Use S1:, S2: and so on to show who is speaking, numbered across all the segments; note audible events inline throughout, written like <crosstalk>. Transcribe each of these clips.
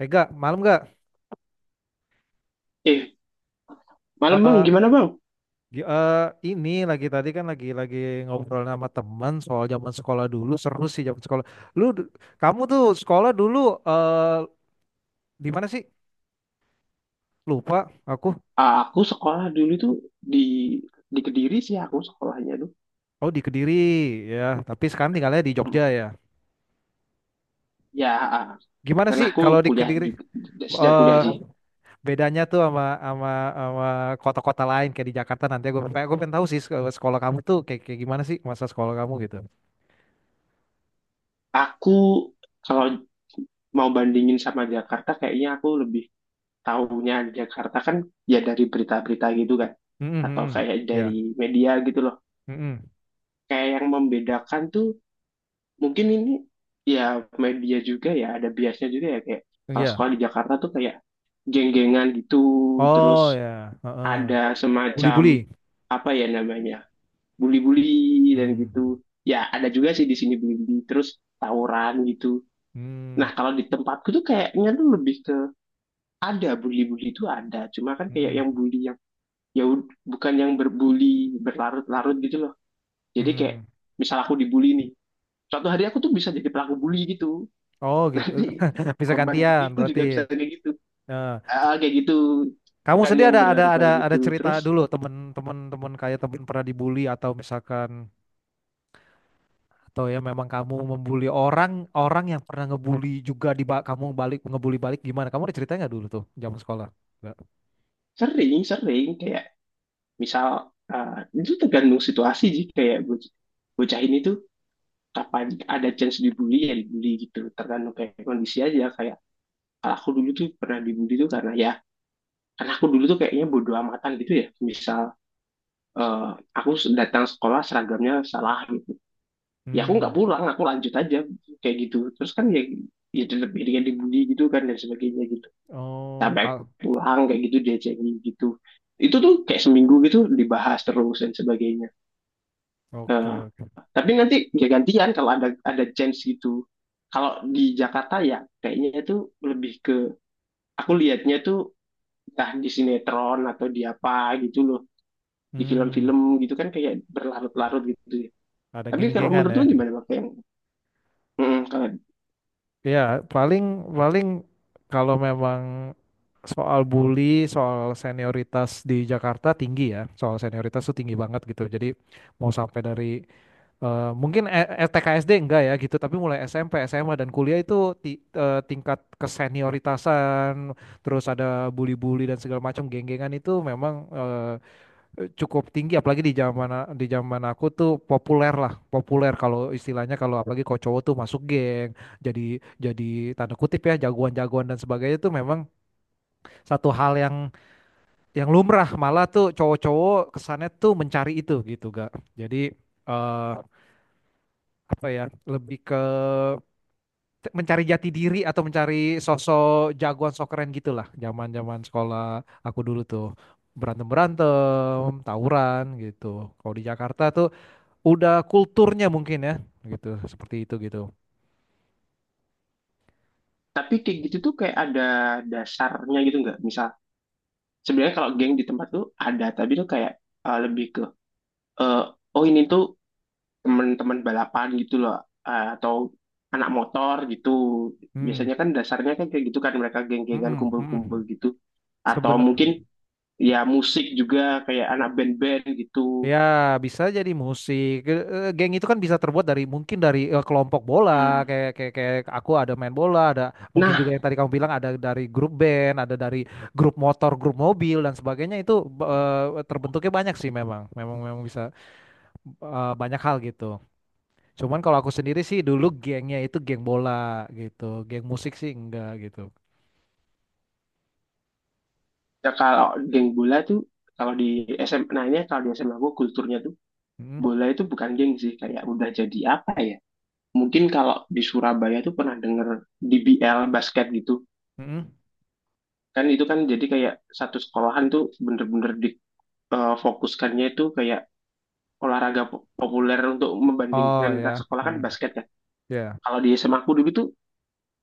S1: Eh gak, malam gak?
S2: Eh, malam, Bang,
S1: Eh,
S2: gimana, Bang?
S1: gi- eh, ini lagi tadi kan lagi ngobrol sama teman soal zaman sekolah dulu, seru sih zaman sekolah. Lu, d- Kamu tuh sekolah dulu eh di mana sih? Lupa aku.
S2: Aku sekolah dulu tuh di di Kediri sih aku sekolahnya tuh.
S1: Oh di Kediri ya, tapi sekarang tinggalnya di
S2: Hmm.
S1: Jogja ya.
S2: Ya, ah,
S1: Gimana
S2: karena
S1: sih
S2: aku
S1: kalau di
S2: kuliah
S1: Kediri?
S2: juga sejak
S1: eh
S2: kuliah sih.
S1: Bedanya tuh sama sama sama kota-kota lain kayak di Jakarta. Nanti gue pengen tahu sih sekolah kamu tuh kayak kayak gimana sih, masa sekolah kamu gitu.
S2: Aku kalau mau bandingin sama Jakarta, kayaknya aku lebih tahunya Jakarta kan ya dari berita-berita gitu kan, atau
S1: Mm.
S2: kayak
S1: Ya.
S2: dari media gitu loh.
S1: Mm-mm.
S2: Kayak yang membedakan tuh mungkin ini ya, media juga ya, ada biasnya juga ya, kayak kalau
S1: Iya.
S2: sekolah di Jakarta tuh kayak geng-gengan gitu,
S1: Oh
S2: terus
S1: ya, heeh.
S2: ada semacam
S1: Buli-buli.
S2: apa ya namanya bully-bully dan
S1: Hmm.
S2: gitu. Ya, ada juga sih di sini bully-bully, terus tawuran gitu.
S1: Hmm.
S2: Nah kalau di tempatku tuh kayaknya tuh lebih ke ada bully-bully itu ada, cuma kan kayak
S1: Hmm.
S2: yang bully yang bukan yang berbully berlarut-larut gitu loh. Jadi kayak
S1: Hmm.
S2: misal aku dibully nih, suatu hari aku tuh bisa jadi pelaku bully gitu.
S1: Oh
S2: <laughs>
S1: gitu.
S2: Nanti
S1: <laughs> Bisa
S2: korban
S1: gantian
S2: bully pun
S1: berarti.
S2: juga bisa kayak gitu.
S1: Heeh.
S2: Ah, kayak gitu,
S1: Kamu
S2: kan
S1: sendiri
S2: yang berlarut-larut
S1: ada
S2: gitu,
S1: cerita
S2: terus
S1: dulu, temen-temen temen kayak temen pernah dibully atau misalkan, atau ya memang kamu membuli orang, orang yang pernah ngebully juga kamu balik ngebully balik gimana? Kamu ada ceritanya nggak dulu tuh zaman sekolah? Nggak.
S2: sering sering kayak. Misal itu tergantung situasi sih, kayak bocah ini tuh kapan ada chance dibully ya dibully gitu. Tergantung kayak kondisi aja, kayak kalau aku dulu tuh pernah dibully tuh karena ya karena aku dulu tuh kayaknya bodo amatan gitu ya. Misal eh, aku datang sekolah seragamnya salah gitu. Ya aku nggak
S1: Hmm.
S2: pulang, aku lanjut aja kayak gitu. Terus kan ya, tetap dia dibully gitu kan dan sebagainya gitu.
S1: Oh,
S2: Sampai
S1: kal.
S2: pulang kayak gitu dia cengin gitu, itu tuh kayak seminggu gitu dibahas terus dan sebagainya.
S1: Oke,
S2: Nah,
S1: oke.
S2: tapi nanti ya gantian kalau ada chance gitu. Kalau di Jakarta ya kayaknya itu lebih ke, aku lihatnya tuh entah di sinetron atau di apa gitu loh, di
S1: Hmm.
S2: film-film gitu kan kayak berlarut-larut gitu ya.
S1: Ada
S2: Tapi kalau
S1: geng-gengan
S2: menurut
S1: ya.
S2: lu gimana, Bang? Kayak, kalau,
S1: Ya, paling paling kalau memang soal bully, soal senioritas di Jakarta tinggi ya. Soal senioritas tuh tinggi banget gitu. Jadi mau sampai dari mungkin E- E- T K s d enggak ya gitu, tapi mulai SMP, SMA dan kuliah itu tingkat kesenioritasan, terus ada bully-bully dan segala macam geng-gengan itu memang cukup tinggi, apalagi di zaman aku tuh populer lah, populer kalau istilahnya, kalau apalagi kalau cowok tuh masuk geng. Jadi jadi tanda kutip ya jagoan-jagoan dan sebagainya tuh memang satu hal yang lumrah, malah tuh cowok-cowok kesannya tuh mencari itu gitu gak. Jadi eh apa ya lebih ke mencari jati diri atau mencari sosok jagoan sok keren gitulah. Zaman-zaman sekolah aku dulu tuh berantem-berantem, tawuran gitu. Kalau di Jakarta tuh udah kulturnya mungkin ya, gitu, seperti itu gitu.
S2: tapi kayak gitu tuh kayak ada dasarnya gitu nggak? Misal sebenarnya kalau geng di tempat tuh ada, tapi tuh kayak lebih ke, uh, oh ini tuh teman-teman balapan gitu loh, atau anak motor gitu
S1: Hmm.
S2: biasanya kan dasarnya kan kayak gitu kan mereka geng-gengan
S1: Mm-mm, mm-mm.
S2: kumpul-kumpul gitu, atau
S1: Sebena-
S2: mungkin ya musik juga kayak anak band-band gitu.
S1: ya bisa jadi musik. Geng itu kan bisa terbuat dari, mungkin dari kelompok
S2: Hmm.
S1: bola, kayak kayak kayak aku ada main bola, ada mungkin
S2: Nah
S1: juga yang tadi kamu bilang, ada dari grup band, ada dari grup motor, grup mobil dan sebagainya itu. Terbentuknya banyak sih, memang memang memang bisa banyak hal gitu. Cuman kalau aku sendiri sih, dulu gengnya itu geng bola gitu, geng musik sih enggak gitu.
S2: ya kalau geng bola tuh, kalau di SMA-nya kalau di SMA gue kulturnya tuh
S1: Mm,
S2: bola itu bukan geng sih, kayak udah jadi apa ya, mungkin kalau di Surabaya tuh pernah denger DBL basket gitu
S1: mm.
S2: kan, itu kan jadi kayak satu sekolahan tuh bener-bener di fokuskannya itu kayak olahraga populer untuk
S1: Oh
S2: membandingkan antar
S1: ya,
S2: sekolah kan
S1: hmm,
S2: basket ya.
S1: ya,
S2: Kalau di SMA aku dulu tuh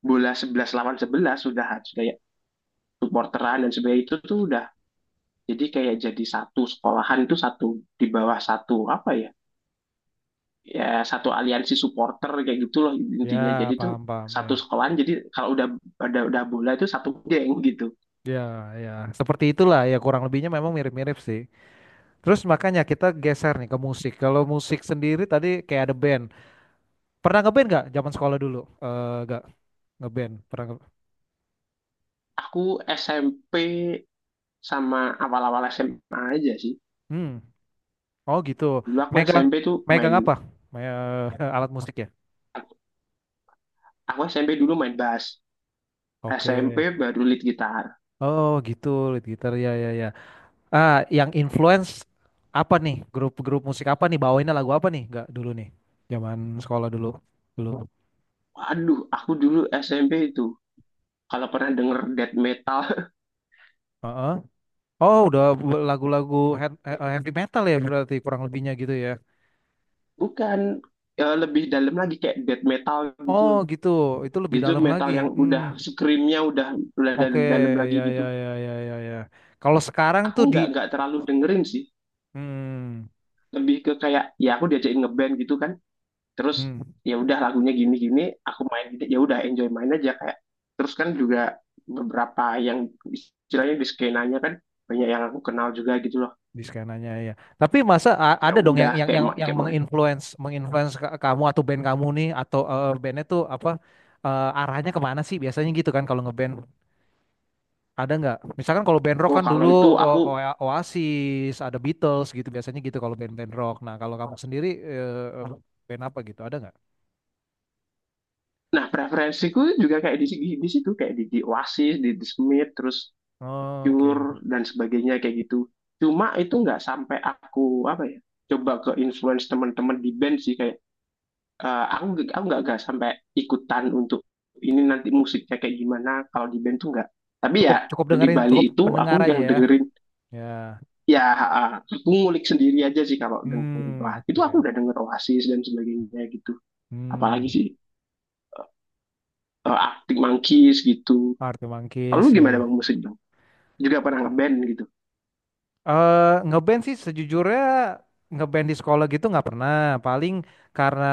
S2: bola 11 lawan 11 sudah harus kayak supporteran dan sebagainya, itu tuh udah jadi kayak jadi satu sekolahan itu satu di bawah satu apa ya, satu aliansi supporter kayak gitu loh intinya,
S1: ya
S2: jadi tuh
S1: paham paham ya,
S2: satu sekolahan jadi kalau udah ada udah bola itu satu geng gitu.
S1: ya ya seperti itulah ya, kurang lebihnya memang mirip-mirip sih. Terus makanya kita geser nih ke musik. Kalau musik sendiri tadi kayak ada band. Pernah ngeband nggak zaman sekolah dulu? Nggak ngeband. Pernah nge-
S2: Aku SMP sama awal-awal SMA aja sih.
S1: Hmm. Oh gitu.
S2: dulu aku
S1: Megang
S2: SMP tuh main
S1: Megang apa? Me- <laughs> Alat musik ya.
S2: Aku SMP dulu main bass,
S1: Oke.
S2: SMP baru lead gitar.
S1: Oh gitu, lead gitar ya ya ya. Ah, yang influence apa nih? Grup-grup musik apa nih? Bawainnya lagu apa nih? Nggak dulu nih. Zaman sekolah dulu. Dulu.
S2: Waduh, aku dulu SMP itu kalau pernah denger death metal,
S1: Heeh. Oh, udah lagu-lagu
S2: <laughs>
S1: heavy metal ya berarti, kurang lebihnya gitu ya.
S2: bukan, ya lebih dalam lagi kayak death metal gitu
S1: Oh,
S2: loh.
S1: gitu. Itu lebih
S2: Itu
S1: dalam lagi.
S2: metal yang
S1: Hmm.
S2: udah screamnya udah
S1: Oke,
S2: dalam lagi
S1: ya ya
S2: gitu.
S1: ya ya ya ya. Kalau sekarang
S2: Aku
S1: tuh di
S2: nggak terlalu dengerin sih,
S1: hmm,
S2: lebih ke kayak ya aku diajakin ngeband gitu kan. Terus
S1: hmm,
S2: ya udah lagunya gini-gini, aku main gitu. Ya udah enjoy main aja kayak. Terus kan juga beberapa yang istilahnya di skenanya kan banyak yang aku kenal juga gitu loh,
S1: di skenanya ya. Tapi masa
S2: ya
S1: ada dong yang
S2: udah kayak kayak mau,
S1: menginfluence menginfluence kamu atau band kamu nih, atau bandnya tuh apa, arahnya kemana sih biasanya gitu kan kalau ngeband? Ada nggak? Misalkan kalau band rock
S2: oh
S1: kan
S2: kalau
S1: dulu
S2: itu aku,
S1: Oasis, ada Beatles gitu biasanya gitu kalau band-band rock. Nah kalau kamu sendiri band apa gitu? Ada nggak?
S2: nah preferensiku juga kayak di situ kayak di Oasis, di Smith, terus
S1: Oke,
S2: Cure dan sebagainya kayak gitu. Cuma itu nggak sampai aku apa ya coba ke influence teman-teman di band sih kayak aku, nggak sampai ikutan untuk ini nanti musiknya kayak gimana kalau di band tuh nggak, tapi
S1: Cukup
S2: ya
S1: cukup
S2: di
S1: dengerin, cukup
S2: Bali itu
S1: pendengar
S2: aku
S1: aja
S2: yang
S1: ya.
S2: dengerin
S1: Ya.
S2: ya, aku ngulik sendiri aja sih kalau dengerin,
S1: Hmm,
S2: wah itu aku
S1: oke.
S2: udah denger Oasis dan sebagainya gitu,
S1: Hmm,
S2: apalagi sih Arctic Monkeys gitu.
S1: Arctic
S2: Kalau lu
S1: Monkeys ya
S2: gimana, Bang,
S1: ya.
S2: musik, Bang? Juga pernah ngeband gitu?
S1: Ngeband sih sejujurnya, ngeband di sekolah gitu nggak pernah. Paling karena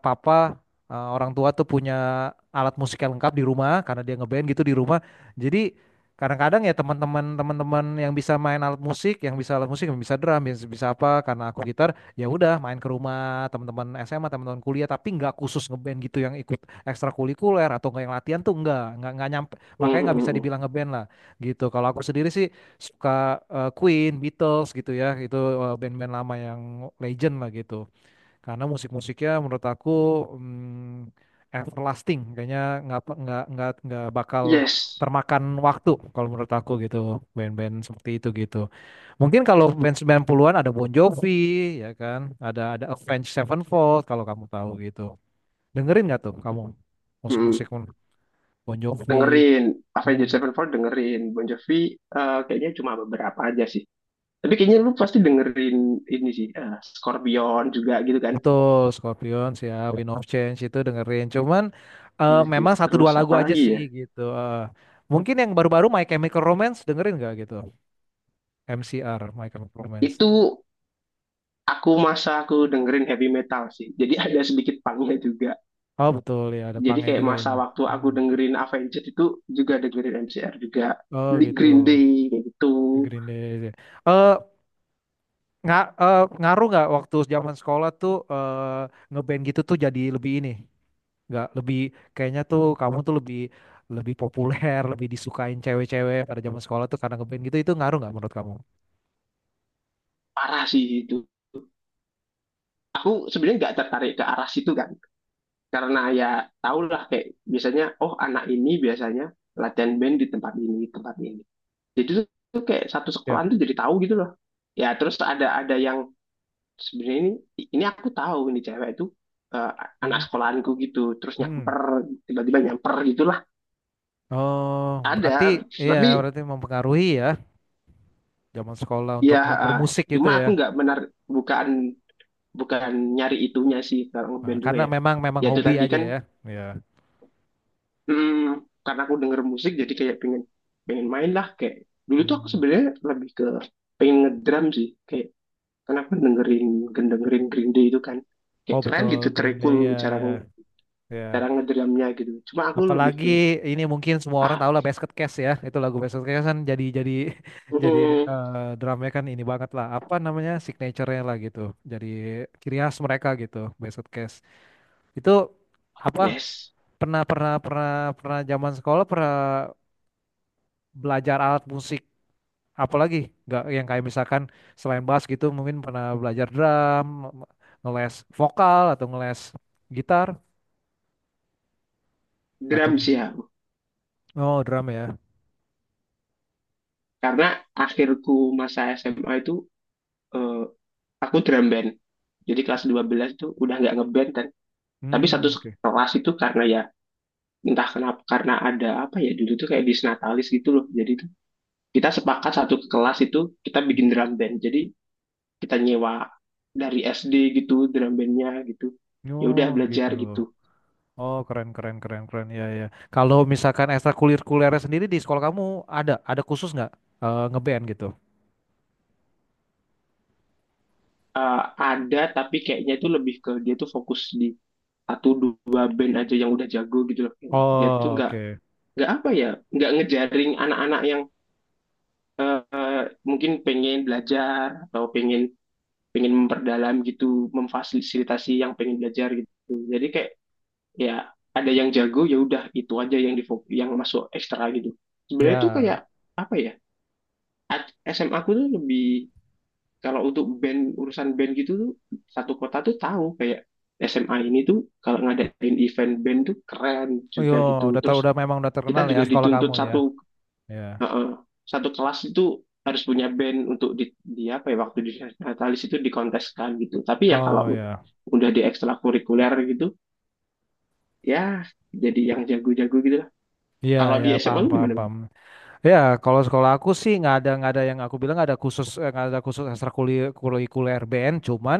S1: papa orang tua tuh punya alat musik yang lengkap di rumah karena dia ngeband gitu di rumah. Jadi kadang-kadang ya teman-teman yang bisa main alat musik, yang bisa alat musik, yang bisa drum, yang bisa apa, karena aku gitar, ya udah main ke rumah teman-teman SMA, teman-teman kuliah. Tapi nggak khusus ngeband gitu yang ikut ekstrakurikuler atau nggak, yang latihan tuh nggak nyampe, makanya
S2: Mm,
S1: nggak bisa
S2: mm, mm.
S1: dibilang ngeband lah gitu. Kalau aku sendiri sih suka Queen, Beatles gitu ya, itu band-band lama yang legend lah gitu. Karena musik-musiknya menurut aku, mm, everlasting, kayaknya nggak pe- nggak bakal
S2: Yes.
S1: termakan waktu kalau menurut aku gitu, band-band seperti itu gitu. Mungkin kalau band 90-an ada Bon Jovi ya kan, ada Avenged Sevenfold kalau kamu tahu gitu. Dengerin nggak tuh kamu
S2: Mm.
S1: musik-musik Bon Jovi?
S2: Dengerin Avenged
S1: Hmm.
S2: Sevenfold, dengerin Bon Jovi, kayaknya cuma beberapa aja sih. Tapi kayaknya lu pasti dengerin ini sih, Scorpion juga gitu kan.
S1: Betul, Scorpion siap, Wind of Change itu dengerin. Cuman memang satu
S2: Terus
S1: dua lagu
S2: apa
S1: aja
S2: lagi
S1: sih
S2: ya?
S1: gitu. Eh. Mungkin yang baru-baru My Chemical Romance dengerin nggak gitu? MCR, My Chemical Romance.
S2: Itu aku masa aku dengerin heavy metal sih. Jadi ada sedikit punknya juga.
S1: Oh betul ya, ada
S2: Jadi
S1: pangnya
S2: kayak
S1: juga ya.
S2: masa waktu aku
S1: Mm.
S2: dengerin Avenged itu juga dengerin MCR juga,
S1: Oh
S2: di
S1: gitu,
S2: Green Day kayak gitu.
S1: Green Day. Eh nggak eh, Ngaruh nggak waktu zaman sekolah tuh ngeband gitu, tuh jadi lebih ini, nggak lebih, kayaknya tuh kamu tuh lebih, lebih populer, lebih disukain cewek-cewek pada zaman sekolah tuh karena ngeband gitu, itu ngaruh nggak menurut kamu?
S2: Parah sih itu, aku sebenarnya nggak tertarik ke arah situ kan, karena ya tahulah kayak biasanya oh anak ini biasanya latihan band di tempat ini tempat ini, jadi tuh kayak satu sekolahan tuh jadi tahu gitu loh ya, terus ada yang sebenarnya ini aku tahu ini cewek itu, eh, anak
S1: Hmm,
S2: sekolahanku gitu, terus
S1: hmm.
S2: nyamper tiba-tiba nyamper gitulah
S1: Oh, berarti
S2: ada,
S1: iya,
S2: tapi
S1: berarti mempengaruhi ya zaman sekolah untuk
S2: ya
S1: mau
S2: eh,
S1: bermusik gitu
S2: cuma
S1: ya.
S2: aku nggak bukan bukan nyari itunya sih kalau
S1: Nah,
S2: ngeband tuh
S1: karena
S2: kayak,
S1: memang memang
S2: ya itu
S1: hobi
S2: tadi
S1: aja
S2: kan.
S1: ya. Iya.
S2: Hmm, karena aku denger musik jadi kayak pengen pengen main lah kayak, dulu tuh aku
S1: Hmm.
S2: sebenarnya lebih ke pengen ngedrum sih kayak, karena aku dengerin dengerin Green Day itu kan kayak
S1: Oh
S2: keren
S1: betul
S2: gitu
S1: Green Day
S2: terikul
S1: ya
S2: cara
S1: ya ya.
S2: cara ngedrumnya gitu, cuma aku lebih
S1: Apalagi
S2: ke
S1: ini mungkin semua orang
S2: ah
S1: tahu lah Basket Case ya. Itu lagu Basket Case kan jadi <laughs> jadi
S2: mm,
S1: drumnya kan ini banget lah. Apa namanya, signature-nya lah gitu. Jadi ciri khas mereka gitu, Basket Case. Itu apa
S2: yes
S1: pernah pernah pernah pernah zaman sekolah pernah belajar alat musik apalagi nggak, yang kayak misalkan selain bass gitu, mungkin pernah belajar drum, ngeles vokal atau ngeles gitar atau
S2: drum sih aku,
S1: oh drum ya.
S2: karena akhirku masa SMA itu, eh, aku drum band jadi kelas 12 tuh udah nggak ngeband kan. Tapi satu
S1: Hmm. Oke.
S2: kelas itu karena ya entah kenapa karena ada apa ya dulu tuh kayak disnatalis gitu loh, jadi tuh kita sepakat satu kelas itu kita bikin drum band, jadi kita nyewa dari SD gitu drum bandnya gitu, ya udah
S1: Oh gitu.
S2: belajar gitu.
S1: Oh keren keren keren keren ya ya. Kalau misalkan ekstrakurikulernya sendiri di sekolah kamu ada khusus nggak ngeband gitu.
S2: Ada tapi kayaknya itu lebih ke dia tuh fokus di satu dua band aja yang udah jago gitu loh, dia tuh
S1: Oh.
S2: nggak
S1: Oke.
S2: nggak apa ya nggak ngejaring anak-anak yang, eh, mungkin pengen belajar atau pengen pengen memperdalam gitu memfasilitasi yang pengen belajar gitu, jadi kayak ya ada yang jago ya udah itu aja yang di yang masuk ekstra gitu, sebenarnya tuh kayak
S1: Ya.
S2: apa ya, SMA aku tuh lebih kalau untuk band urusan band gitu tuh satu kota tuh tahu, kayak SMA ini tuh kalau ngadain event band tuh keren
S1: Oh yo,
S2: juga
S1: udah
S2: gitu,
S1: ter-
S2: terus
S1: udah memang udah terkenal
S2: kita
S1: ya
S2: juga
S1: sekolah
S2: dituntut
S1: kamu ya.
S2: satu,
S1: Ya.
S2: eh, eh, satu kelas itu harus punya band untuk di, apa ya waktu di Natalis itu dikonteskan gitu, tapi ya
S1: Oh
S2: kalau
S1: ya.
S2: udah di ekstrakurikuler gitu ya jadi yang jago-jago gitu.
S1: Iya,
S2: Kalau
S1: ya,
S2: di SMA
S1: paham,
S2: lu
S1: paham,
S2: gimana?
S1: paham. Ya, kalau sekolah aku sih nggak ada, nggak ada yang aku bilang, nggak ada khusus nggak ada khusus ekstrakurikuler BN, cuman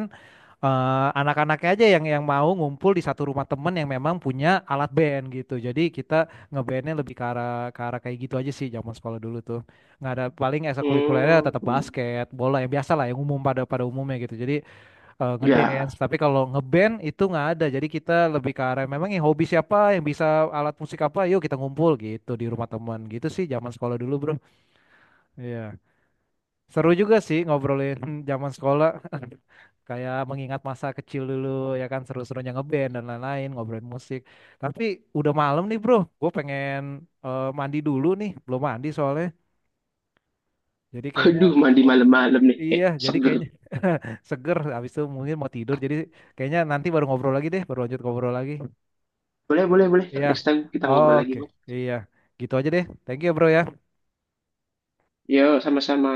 S1: anak-anaknya aja yang mau ngumpul di satu rumah temen yang memang punya alat BN gitu. Jadi kita nge bn lebih ke arah, ke arah kayak gitu aja sih zaman sekolah dulu tuh. Nggak ada, paling ekstrakurikulernya tetap
S2: Hmm,
S1: basket, bola yang biasa lah, yang umum pada pada umumnya gitu. Jadi
S2: ya,
S1: ngedance, tapi kalau ngeband itu nggak ada. Jadi kita lebih ke arah memang yang hobi siapa, yang bisa alat musik apa, yuk kita ngumpul gitu di rumah temen gitu sih zaman sekolah dulu, Bro. Iya. Seru juga sih ngobrolin <laughs> zaman sekolah. <laughs> Kayak mengingat masa kecil dulu, ya kan seru-serunya ngeband dan lain-lain, ngobrolin musik. Tapi udah malam nih, Bro. Gue pengen mandi dulu nih. Belum mandi soalnya. Jadi kayaknya
S2: aduh, mandi malam-malam nih,
S1: iya, jadi
S2: seger.
S1: kayaknya <laughs> seger habis itu mungkin mau tidur. Jadi kayaknya nanti baru ngobrol lagi deh, baru lanjut ngobrol lagi.
S2: Boleh, boleh, boleh.
S1: Iya.
S2: Next time kita ngobrol lagi,
S1: Oke.
S2: Bang.
S1: Iya. Gitu aja deh. Thank you, Bro ya.
S2: Yo, sama-sama.